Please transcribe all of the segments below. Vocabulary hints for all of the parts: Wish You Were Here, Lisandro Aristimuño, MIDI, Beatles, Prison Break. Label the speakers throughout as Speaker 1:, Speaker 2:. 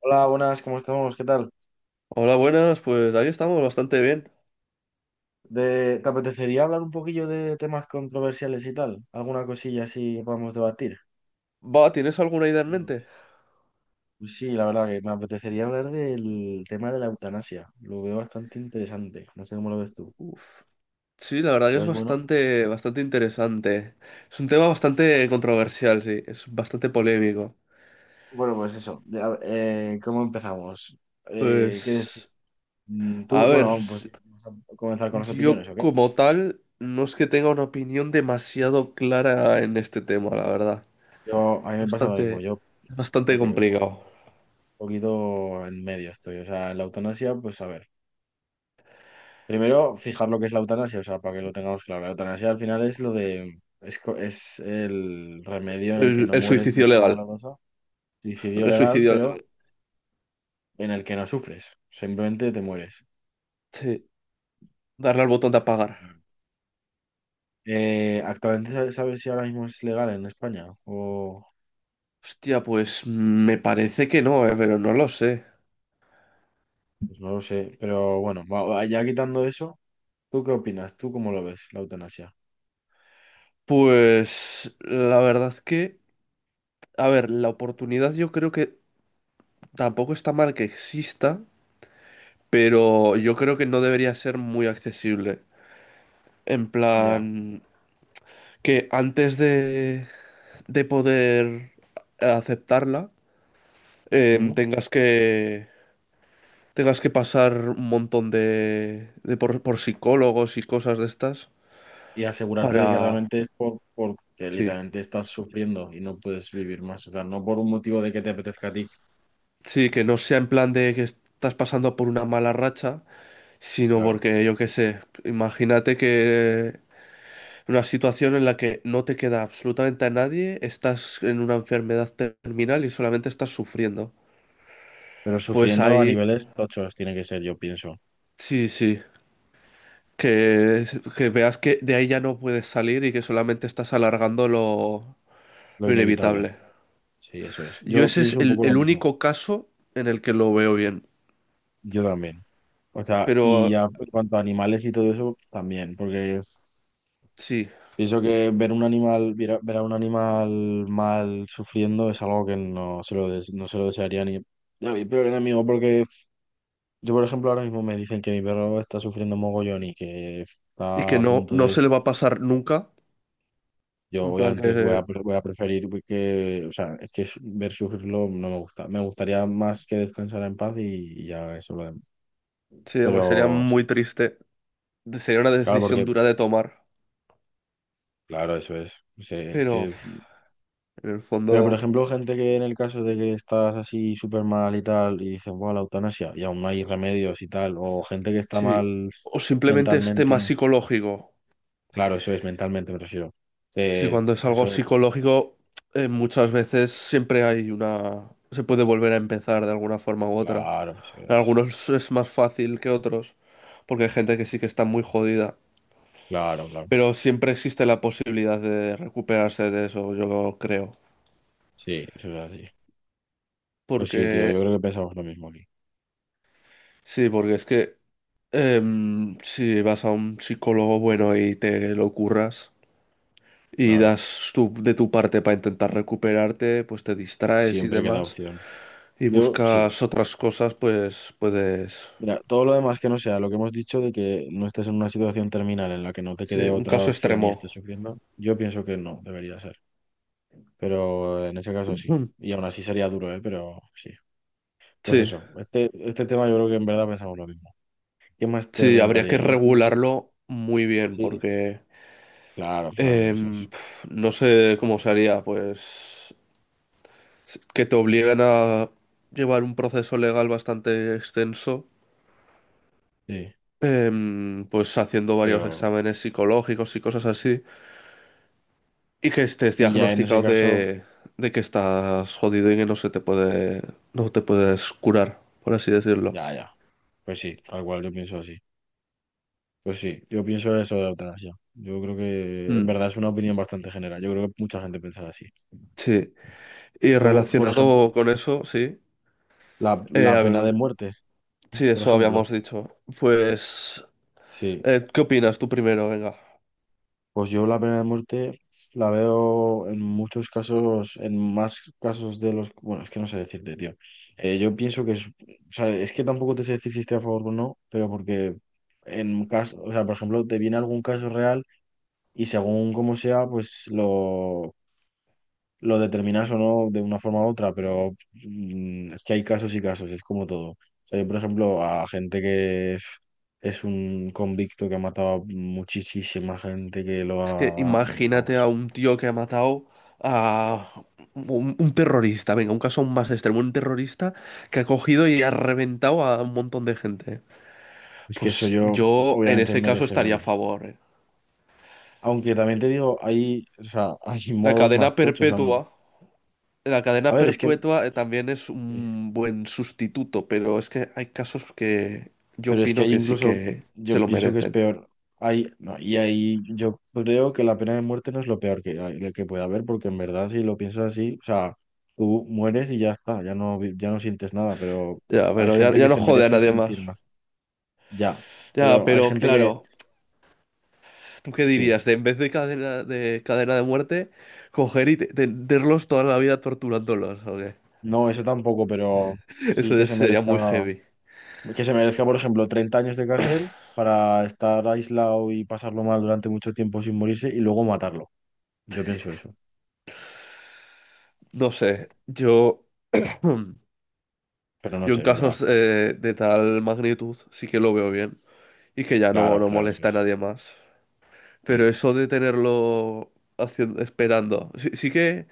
Speaker 1: Hola, buenas, ¿cómo estamos? ¿Qué tal?
Speaker 2: Hola, buenas, pues ahí estamos, bastante bien.
Speaker 1: ¿Te apetecería hablar un poquillo de temas controversiales y tal? ¿Alguna cosilla así que podamos debatir?
Speaker 2: Va, ¿tienes alguna idea en
Speaker 1: ¿Cómo lo
Speaker 2: mente?
Speaker 1: ves? Pues sí, la verdad que me apetecería hablar del tema de la eutanasia. Lo veo bastante interesante. No sé cómo lo ves tú.
Speaker 2: Sí, la verdad que
Speaker 1: ¿Lo
Speaker 2: es
Speaker 1: ves bueno?
Speaker 2: bastante, bastante interesante. Es un tema bastante controversial, sí, es bastante polémico.
Speaker 1: Bueno, pues eso. ¿Cómo empezamos? ¿Qué decir?
Speaker 2: Pues, a
Speaker 1: Tú,
Speaker 2: ver,
Speaker 1: bueno, pues vamos a comenzar con las opiniones,
Speaker 2: yo
Speaker 1: ¿o qué?
Speaker 2: como tal no es que tenga una opinión demasiado clara en este tema, la verdad.
Speaker 1: A mí me pasa lo mismo.
Speaker 2: Bastante,
Speaker 1: Yo,
Speaker 2: bastante
Speaker 1: ok, un poquito,
Speaker 2: complicado.
Speaker 1: un poquito en medio estoy. O sea, la eutanasia, pues a ver. Primero, fijar lo que es la eutanasia, o sea, para que lo tengamos claro. La eutanasia al final es lo de, es, co- es el remedio en el que
Speaker 2: El,
Speaker 1: no
Speaker 2: el
Speaker 1: mueres de
Speaker 2: suicidio
Speaker 1: forma
Speaker 2: legal,
Speaker 1: dolorosa, suicidio
Speaker 2: el
Speaker 1: legal,
Speaker 2: suicidio
Speaker 1: pero
Speaker 2: legal.
Speaker 1: en el que no sufres, simplemente te mueres.
Speaker 2: Sí, darle al botón de apagar.
Speaker 1: Actualmente, ¿sabes si ahora mismo es legal en España? O,
Speaker 2: Hostia, pues me parece que no, pero no lo sé.
Speaker 1: pues no lo sé, pero bueno, ya quitando eso, ¿tú qué opinas? ¿Tú cómo lo ves, la eutanasia?
Speaker 2: Pues la verdad que, a ver, la oportunidad yo creo que tampoco está mal que exista, pero yo creo que no debería ser muy accesible. En
Speaker 1: Ya.
Speaker 2: plan, que antes de poder aceptarla, em, tengas que, tengas que pasar un montón de por psicólogos y cosas de estas
Speaker 1: Y asegurarte de que
Speaker 2: para.
Speaker 1: realmente es porque
Speaker 2: Sí,
Speaker 1: literalmente estás sufriendo y no puedes vivir más. O sea, no por un motivo de que te apetezca a ti,
Speaker 2: sí, que no sea en plan de que estás pasando por una mala racha sino
Speaker 1: claro.
Speaker 2: porque yo qué sé, imagínate que en una situación en la que no te queda absolutamente a nadie, estás en una enfermedad terminal y solamente estás sufriendo.
Speaker 1: Pero
Speaker 2: Pues
Speaker 1: sufriendo a
Speaker 2: ahí,
Speaker 1: niveles tochos tiene que ser, yo pienso.
Speaker 2: sí, sí, que, que veas que de ahí ya no puedes salir y que solamente estás alargando lo,
Speaker 1: Lo
Speaker 2: lo
Speaker 1: inevitable.
Speaker 2: inevitable.
Speaker 1: Sí, eso es.
Speaker 2: Yo
Speaker 1: Yo
Speaker 2: ese es
Speaker 1: pienso un
Speaker 2: el,
Speaker 1: poco lo
Speaker 2: el
Speaker 1: mismo.
Speaker 2: único caso en el que lo veo bien,
Speaker 1: Yo también. O sea, y
Speaker 2: pero
Speaker 1: ya en cuanto a animales y todo eso, también. Porque es-
Speaker 2: sí,
Speaker 1: pienso que ver un animal, ver a un animal mal sufriendo es algo que no se lo desearía ni a mi peor enemigo, porque yo, por ejemplo, ahora mismo me dicen que mi perro está sufriendo mogollón y que
Speaker 2: y
Speaker 1: está
Speaker 2: que
Speaker 1: a
Speaker 2: no,
Speaker 1: punto
Speaker 2: no
Speaker 1: de
Speaker 2: se le
Speaker 1: esto.
Speaker 2: va a pasar nunca,
Speaker 1: Yo
Speaker 2: en plan
Speaker 1: obviamente voy
Speaker 2: que
Speaker 1: a, pre- voy a preferir que, o sea, ver sufrirlo no me gusta. Me gustaría más que descansara en paz y ya eso lo demás.
Speaker 2: sí, aunque sería
Speaker 1: Pero sí,
Speaker 2: muy triste. Sería una
Speaker 1: claro,
Speaker 2: decisión dura de tomar,
Speaker 1: claro, eso es. O sea, es
Speaker 2: pero uf,
Speaker 1: que,
Speaker 2: en el
Speaker 1: pero por
Speaker 2: fondo,
Speaker 1: ejemplo, gente que en el caso de que estás así súper mal y tal, y dicen, bueno, la eutanasia, y aún no hay remedios y tal, o gente que está
Speaker 2: sí.
Speaker 1: mal
Speaker 2: O simplemente es tema
Speaker 1: mentalmente,
Speaker 2: psicológico.
Speaker 1: claro, eso es mentalmente, me refiero.
Speaker 2: Si
Speaker 1: Eh,
Speaker 2: cuando es algo
Speaker 1: eso.
Speaker 2: psicológico, muchas veces siempre hay una, se puede volver a empezar de alguna forma u otra.
Speaker 1: Claro, eso
Speaker 2: En
Speaker 1: es.
Speaker 2: algunos es más fácil que otros, porque hay gente que sí que está muy jodida.
Speaker 1: Claro, claro.
Speaker 2: Pero siempre existe la posibilidad de recuperarse de eso, yo creo.
Speaker 1: Sí, eso es así. Pues sí, tío, yo
Speaker 2: Porque,
Speaker 1: creo que pensamos lo mismo aquí.
Speaker 2: sí, porque es que si vas a un psicólogo bueno y te lo curras, y
Speaker 1: Claro,
Speaker 2: das de tu parte para intentar recuperarte, pues te distraes y
Speaker 1: siempre queda
Speaker 2: demás,
Speaker 1: opción.
Speaker 2: y
Speaker 1: Yo, sí.
Speaker 2: buscas otras cosas, pues puedes.
Speaker 1: Mira, todo lo demás que no sea lo que hemos dicho de que no estés en una situación terminal en la que no te
Speaker 2: Sí,
Speaker 1: quede
Speaker 2: un
Speaker 1: otra
Speaker 2: caso
Speaker 1: opción y
Speaker 2: extremo.
Speaker 1: estés sufriendo, yo pienso que no, debería ser. Pero en ese caso sí.
Speaker 2: Mm.
Speaker 1: Y aún así sería duro, ¿eh? Pero sí. Pues
Speaker 2: Sí,
Speaker 1: eso, este tema yo creo que en verdad pensamos lo mismo. ¿Qué más te
Speaker 2: sí, habría que
Speaker 1: rentaría? Yo pienso,
Speaker 2: regularlo muy bien
Speaker 1: sí.
Speaker 2: porque
Speaker 1: Claro, claro que eso es.
Speaker 2: em, no sé cómo se haría, pues que te obliguen a llevar un proceso legal bastante extenso,
Speaker 1: Sí,
Speaker 2: pues haciendo varios
Speaker 1: pero...
Speaker 2: exámenes psicológicos y cosas así. Y que estés
Speaker 1: Y ya en ese
Speaker 2: diagnosticado
Speaker 1: caso,
Speaker 2: de, que estás jodido y que no se te puede, no te puedes curar, por así decirlo.
Speaker 1: ya, ya. Pues sí, tal cual, yo pienso así. Pues sí, yo pienso eso de la eutanasia. Yo creo que en
Speaker 2: Mm,
Speaker 1: verdad es una opinión bastante general. Yo creo que mucha gente piensa así.
Speaker 2: sí. Y
Speaker 1: Luego, por ejemplo,
Speaker 2: relacionado con eso, sí.
Speaker 1: la, la
Speaker 2: A
Speaker 1: pena de
Speaker 2: ver,
Speaker 1: muerte,
Speaker 2: sí,
Speaker 1: por
Speaker 2: eso habíamos
Speaker 1: ejemplo.
Speaker 2: dicho. Pues,
Speaker 1: Sí,
Speaker 2: ¿qué opinas tú primero? Venga.
Speaker 1: pues yo la pena de muerte la veo en muchos casos, en más casos de los... Bueno, es que no sé decirte, tío. Yo pienso que es... O sea, es que tampoco te sé decir si estoy a favor o no, pero porque en caso, o sea, por ejemplo, te viene algún caso real y según como sea, pues lo determinas o no de una forma u otra, pero es que hay casos y casos, es como todo. O sea, yo, por ejemplo, a gente que es un convicto que ha matado a muchísima gente que lo
Speaker 2: Es que
Speaker 1: ha...
Speaker 2: imagínate a
Speaker 1: Vamos,
Speaker 2: un tío que ha matado a un terrorista. Venga, un caso aún más extremo. Un terrorista que ha cogido y ha reventado a un montón de gente.
Speaker 1: es que eso
Speaker 2: Pues
Speaker 1: yo
Speaker 2: yo en
Speaker 1: obviamente
Speaker 2: ese caso
Speaker 1: merece
Speaker 2: estaría a
Speaker 1: morir.
Speaker 2: favor, eh.
Speaker 1: Aunque también te digo, hay, o sea, hay
Speaker 2: La
Speaker 1: modos
Speaker 2: cadena
Speaker 1: más tochos
Speaker 2: perpetua,
Speaker 1: aún.
Speaker 2: la
Speaker 1: A
Speaker 2: cadena
Speaker 1: ver, es que
Speaker 2: perpetua también es un buen sustituto, pero es que hay casos que yo
Speaker 1: pero es que
Speaker 2: opino
Speaker 1: ahí
Speaker 2: que sí
Speaker 1: incluso
Speaker 2: que se
Speaker 1: yo
Speaker 2: lo
Speaker 1: pienso que es
Speaker 2: merecen.
Speaker 1: peor. Ahí, no, y ahí yo creo que la pena de muerte no es lo peor que, que puede haber, porque en verdad si lo piensas así, o sea, tú mueres y ya está, ya no sientes nada, pero
Speaker 2: Ya,
Speaker 1: hay
Speaker 2: pero ya,
Speaker 1: gente que
Speaker 2: ya no
Speaker 1: se
Speaker 2: jode a
Speaker 1: merece
Speaker 2: nadie más.
Speaker 1: sentir más, ya.
Speaker 2: Ya,
Speaker 1: Pero hay
Speaker 2: pero
Speaker 1: gente que,
Speaker 2: claro, ¿tú qué
Speaker 1: sí,
Speaker 2: dirías? De en vez de cadena de muerte, coger y tenerlos toda la vida torturándolos, ¿o qué?
Speaker 1: no, eso tampoco, pero sí
Speaker 2: Eso
Speaker 1: que
Speaker 2: ya
Speaker 1: se
Speaker 2: sería muy
Speaker 1: merezca,
Speaker 2: heavy.
Speaker 1: que se merezca, por ejemplo, 30 años de cárcel para estar aislado y pasarlo mal durante mucho tiempo sin morirse y luego matarlo. Yo pienso eso,
Speaker 2: No sé, yo
Speaker 1: pero no sé,
Speaker 2: en
Speaker 1: en verdad.
Speaker 2: casos de tal magnitud sí que lo veo bien y que ya no,
Speaker 1: Claro,
Speaker 2: no
Speaker 1: claro, eso
Speaker 2: molesta a
Speaker 1: es.
Speaker 2: nadie más. Pero
Speaker 1: Sí.
Speaker 2: eso de tenerlo haciendo, esperando. Sí, sí que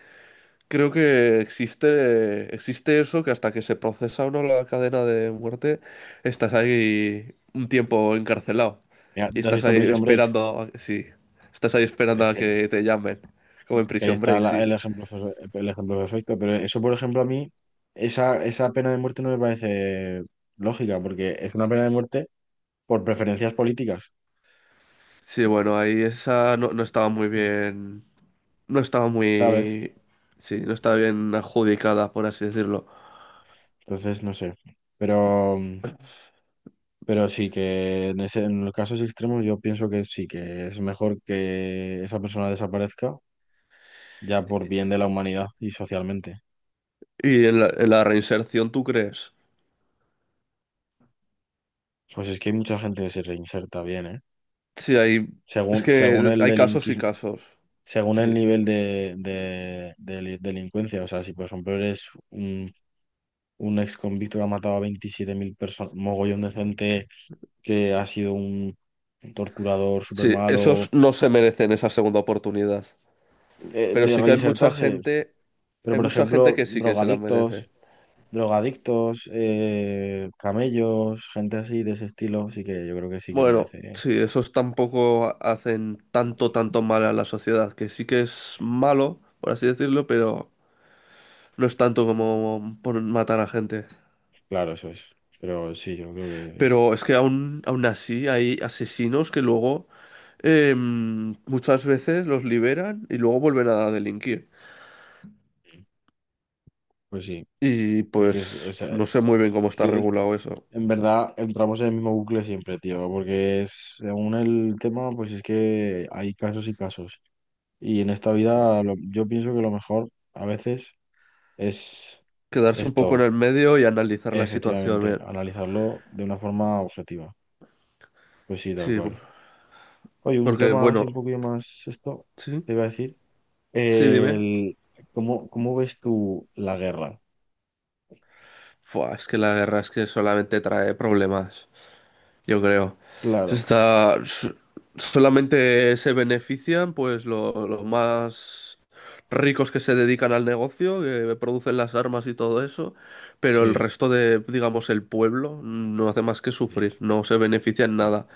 Speaker 2: creo que existe eso, que hasta que se procesa uno la cadena de muerte, estás ahí un tiempo encarcelado.
Speaker 1: Mira,
Speaker 2: Y
Speaker 1: ¿te has
Speaker 2: estás
Speaker 1: visto
Speaker 2: ahí
Speaker 1: Prison Break?
Speaker 2: esperando, sí, estás ahí esperando
Speaker 1: Es
Speaker 2: a
Speaker 1: que,
Speaker 2: que te llamen, como en
Speaker 1: que ahí
Speaker 2: Prison
Speaker 1: está
Speaker 2: Break, sí.
Speaker 1: el ejemplo perfecto, pero eso, por ejemplo, a mí, esa pena de muerte no me parece lógica, porque es una pena de muerte por preferencias políticas,
Speaker 2: Sí, bueno, ahí esa no, no estaba muy bien, no estaba
Speaker 1: ¿sabes?
Speaker 2: muy, sí, no estaba bien adjudicada, por así decirlo.
Speaker 1: Entonces, no sé. Pero, pero sí que en los casos extremos yo pienso que sí, que es mejor que esa persona desaparezca ya por bien de la humanidad y socialmente.
Speaker 2: Y en la reinserción, ¿tú crees?
Speaker 1: Pues es que hay mucha gente que se reinserta bien, ¿eh?
Speaker 2: Sí, es
Speaker 1: Según
Speaker 2: que
Speaker 1: el
Speaker 2: hay casos y
Speaker 1: delinquismo.
Speaker 2: casos.
Speaker 1: Según el
Speaker 2: Sí,
Speaker 1: nivel de delincuencia. O sea, si por ejemplo eres un ex convicto que ha matado a 27.000 personas, mogollón de gente que ha sido un torturador súper
Speaker 2: sí,
Speaker 1: malo,
Speaker 2: esos no se merecen esa segunda oportunidad. Pero
Speaker 1: de
Speaker 2: sí que hay mucha
Speaker 1: reinsertarse.
Speaker 2: gente,
Speaker 1: Pero
Speaker 2: hay
Speaker 1: por
Speaker 2: mucha gente
Speaker 1: ejemplo,
Speaker 2: que sí que se la merece.
Speaker 1: drogadictos, camellos, gente así de ese estilo, sí que yo creo que sí que
Speaker 2: Bueno,
Speaker 1: merece.
Speaker 2: sí, esos tampoco hacen tanto, tanto mal a la sociedad, que sí que es malo, por así decirlo, pero no es tanto como por matar a gente.
Speaker 1: Claro, eso es. Pero sí, yo creo que,
Speaker 2: Pero es que aún así hay asesinos que luego muchas veces los liberan y luego vuelven a delinquir.
Speaker 1: pues sí.
Speaker 2: Y
Speaker 1: Es que, es,
Speaker 2: pues
Speaker 1: es, eh,
Speaker 2: no sé muy bien cómo
Speaker 1: es
Speaker 2: está
Speaker 1: que eh,
Speaker 2: regulado eso.
Speaker 1: en verdad entramos en el mismo bucle siempre, tío, porque es, según el tema, pues es que hay casos y casos. Y en esta
Speaker 2: Sí.
Speaker 1: vida yo pienso que lo mejor a veces es
Speaker 2: Quedarse un poco
Speaker 1: esto,
Speaker 2: en el medio y analizar la situación
Speaker 1: efectivamente,
Speaker 2: bien.
Speaker 1: analizarlo de una forma objetiva. Pues sí, tal
Speaker 2: Sí,
Speaker 1: cual. Oye, un
Speaker 2: porque
Speaker 1: tema así un
Speaker 2: bueno,
Speaker 1: poquito más esto,
Speaker 2: sí,
Speaker 1: te iba a decir.
Speaker 2: sí, dime.
Speaker 1: El, cómo ves tú la guerra?
Speaker 2: Fua, es que la guerra es que solamente trae problemas, yo creo. Se
Speaker 1: Claro,
Speaker 2: Está, s- solamente se benefician pues los más ricos que se dedican al negocio, que producen las armas y todo eso, pero el
Speaker 1: sí,
Speaker 2: resto de, digamos, el pueblo no hace más que
Speaker 1: sí,
Speaker 2: sufrir, no se beneficia en
Speaker 1: ya,
Speaker 2: nada.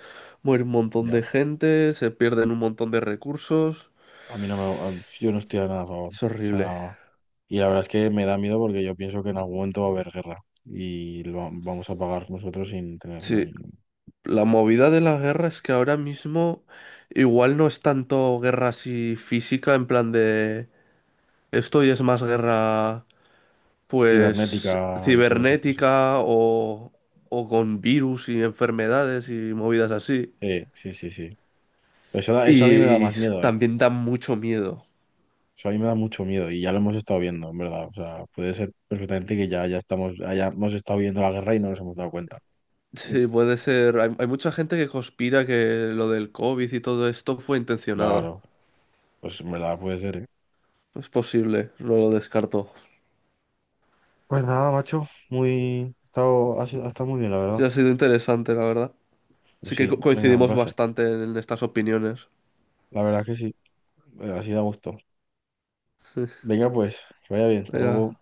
Speaker 2: Muere un montón
Speaker 1: ya.
Speaker 2: de gente, se pierden un montón de recursos.
Speaker 1: A mí no me, a- yo no estoy a nada a favor. O
Speaker 2: Es horrible.
Speaker 1: sea, y la verdad es que me da miedo porque yo pienso que en algún momento va a haber guerra y vamos a pagar nosotros sin tener nada.
Speaker 2: Sí, la movida de la guerra es que ahora mismo igual no es tanto guerra así física, en plan de esto y es más guerra pues
Speaker 1: Cibernética y todas esas cosas.
Speaker 2: cibernética o con virus y enfermedades y movidas así.
Speaker 1: Sí, sí, sí, sí. Eso a mí me da
Speaker 2: Y
Speaker 1: más miedo, ¿eh?
Speaker 2: también dan mucho miedo.
Speaker 1: Eso a mí me da mucho miedo y ya lo hemos estado viendo, en verdad. O sea, puede ser perfectamente que ya hayamos estado viendo la guerra y no nos hemos dado cuenta.
Speaker 2: Sí, puede ser. Hay mucha gente que conspira que lo del COVID y todo esto fue intencionado.
Speaker 1: Claro, pues en verdad puede ser, ¿eh?
Speaker 2: Es posible, no lo descarto.
Speaker 1: Pues nada, macho. Ha estado muy bien, la verdad.
Speaker 2: Sí, ha sido interesante, la verdad.
Speaker 1: Pues
Speaker 2: Sí que
Speaker 1: sí, venga, un
Speaker 2: coincidimos
Speaker 1: placer.
Speaker 2: bastante en estas opiniones.
Speaker 1: La verdad que sí. Bueno, así da gusto. Venga, pues, que vaya bien. Hasta
Speaker 2: Venga.
Speaker 1: luego.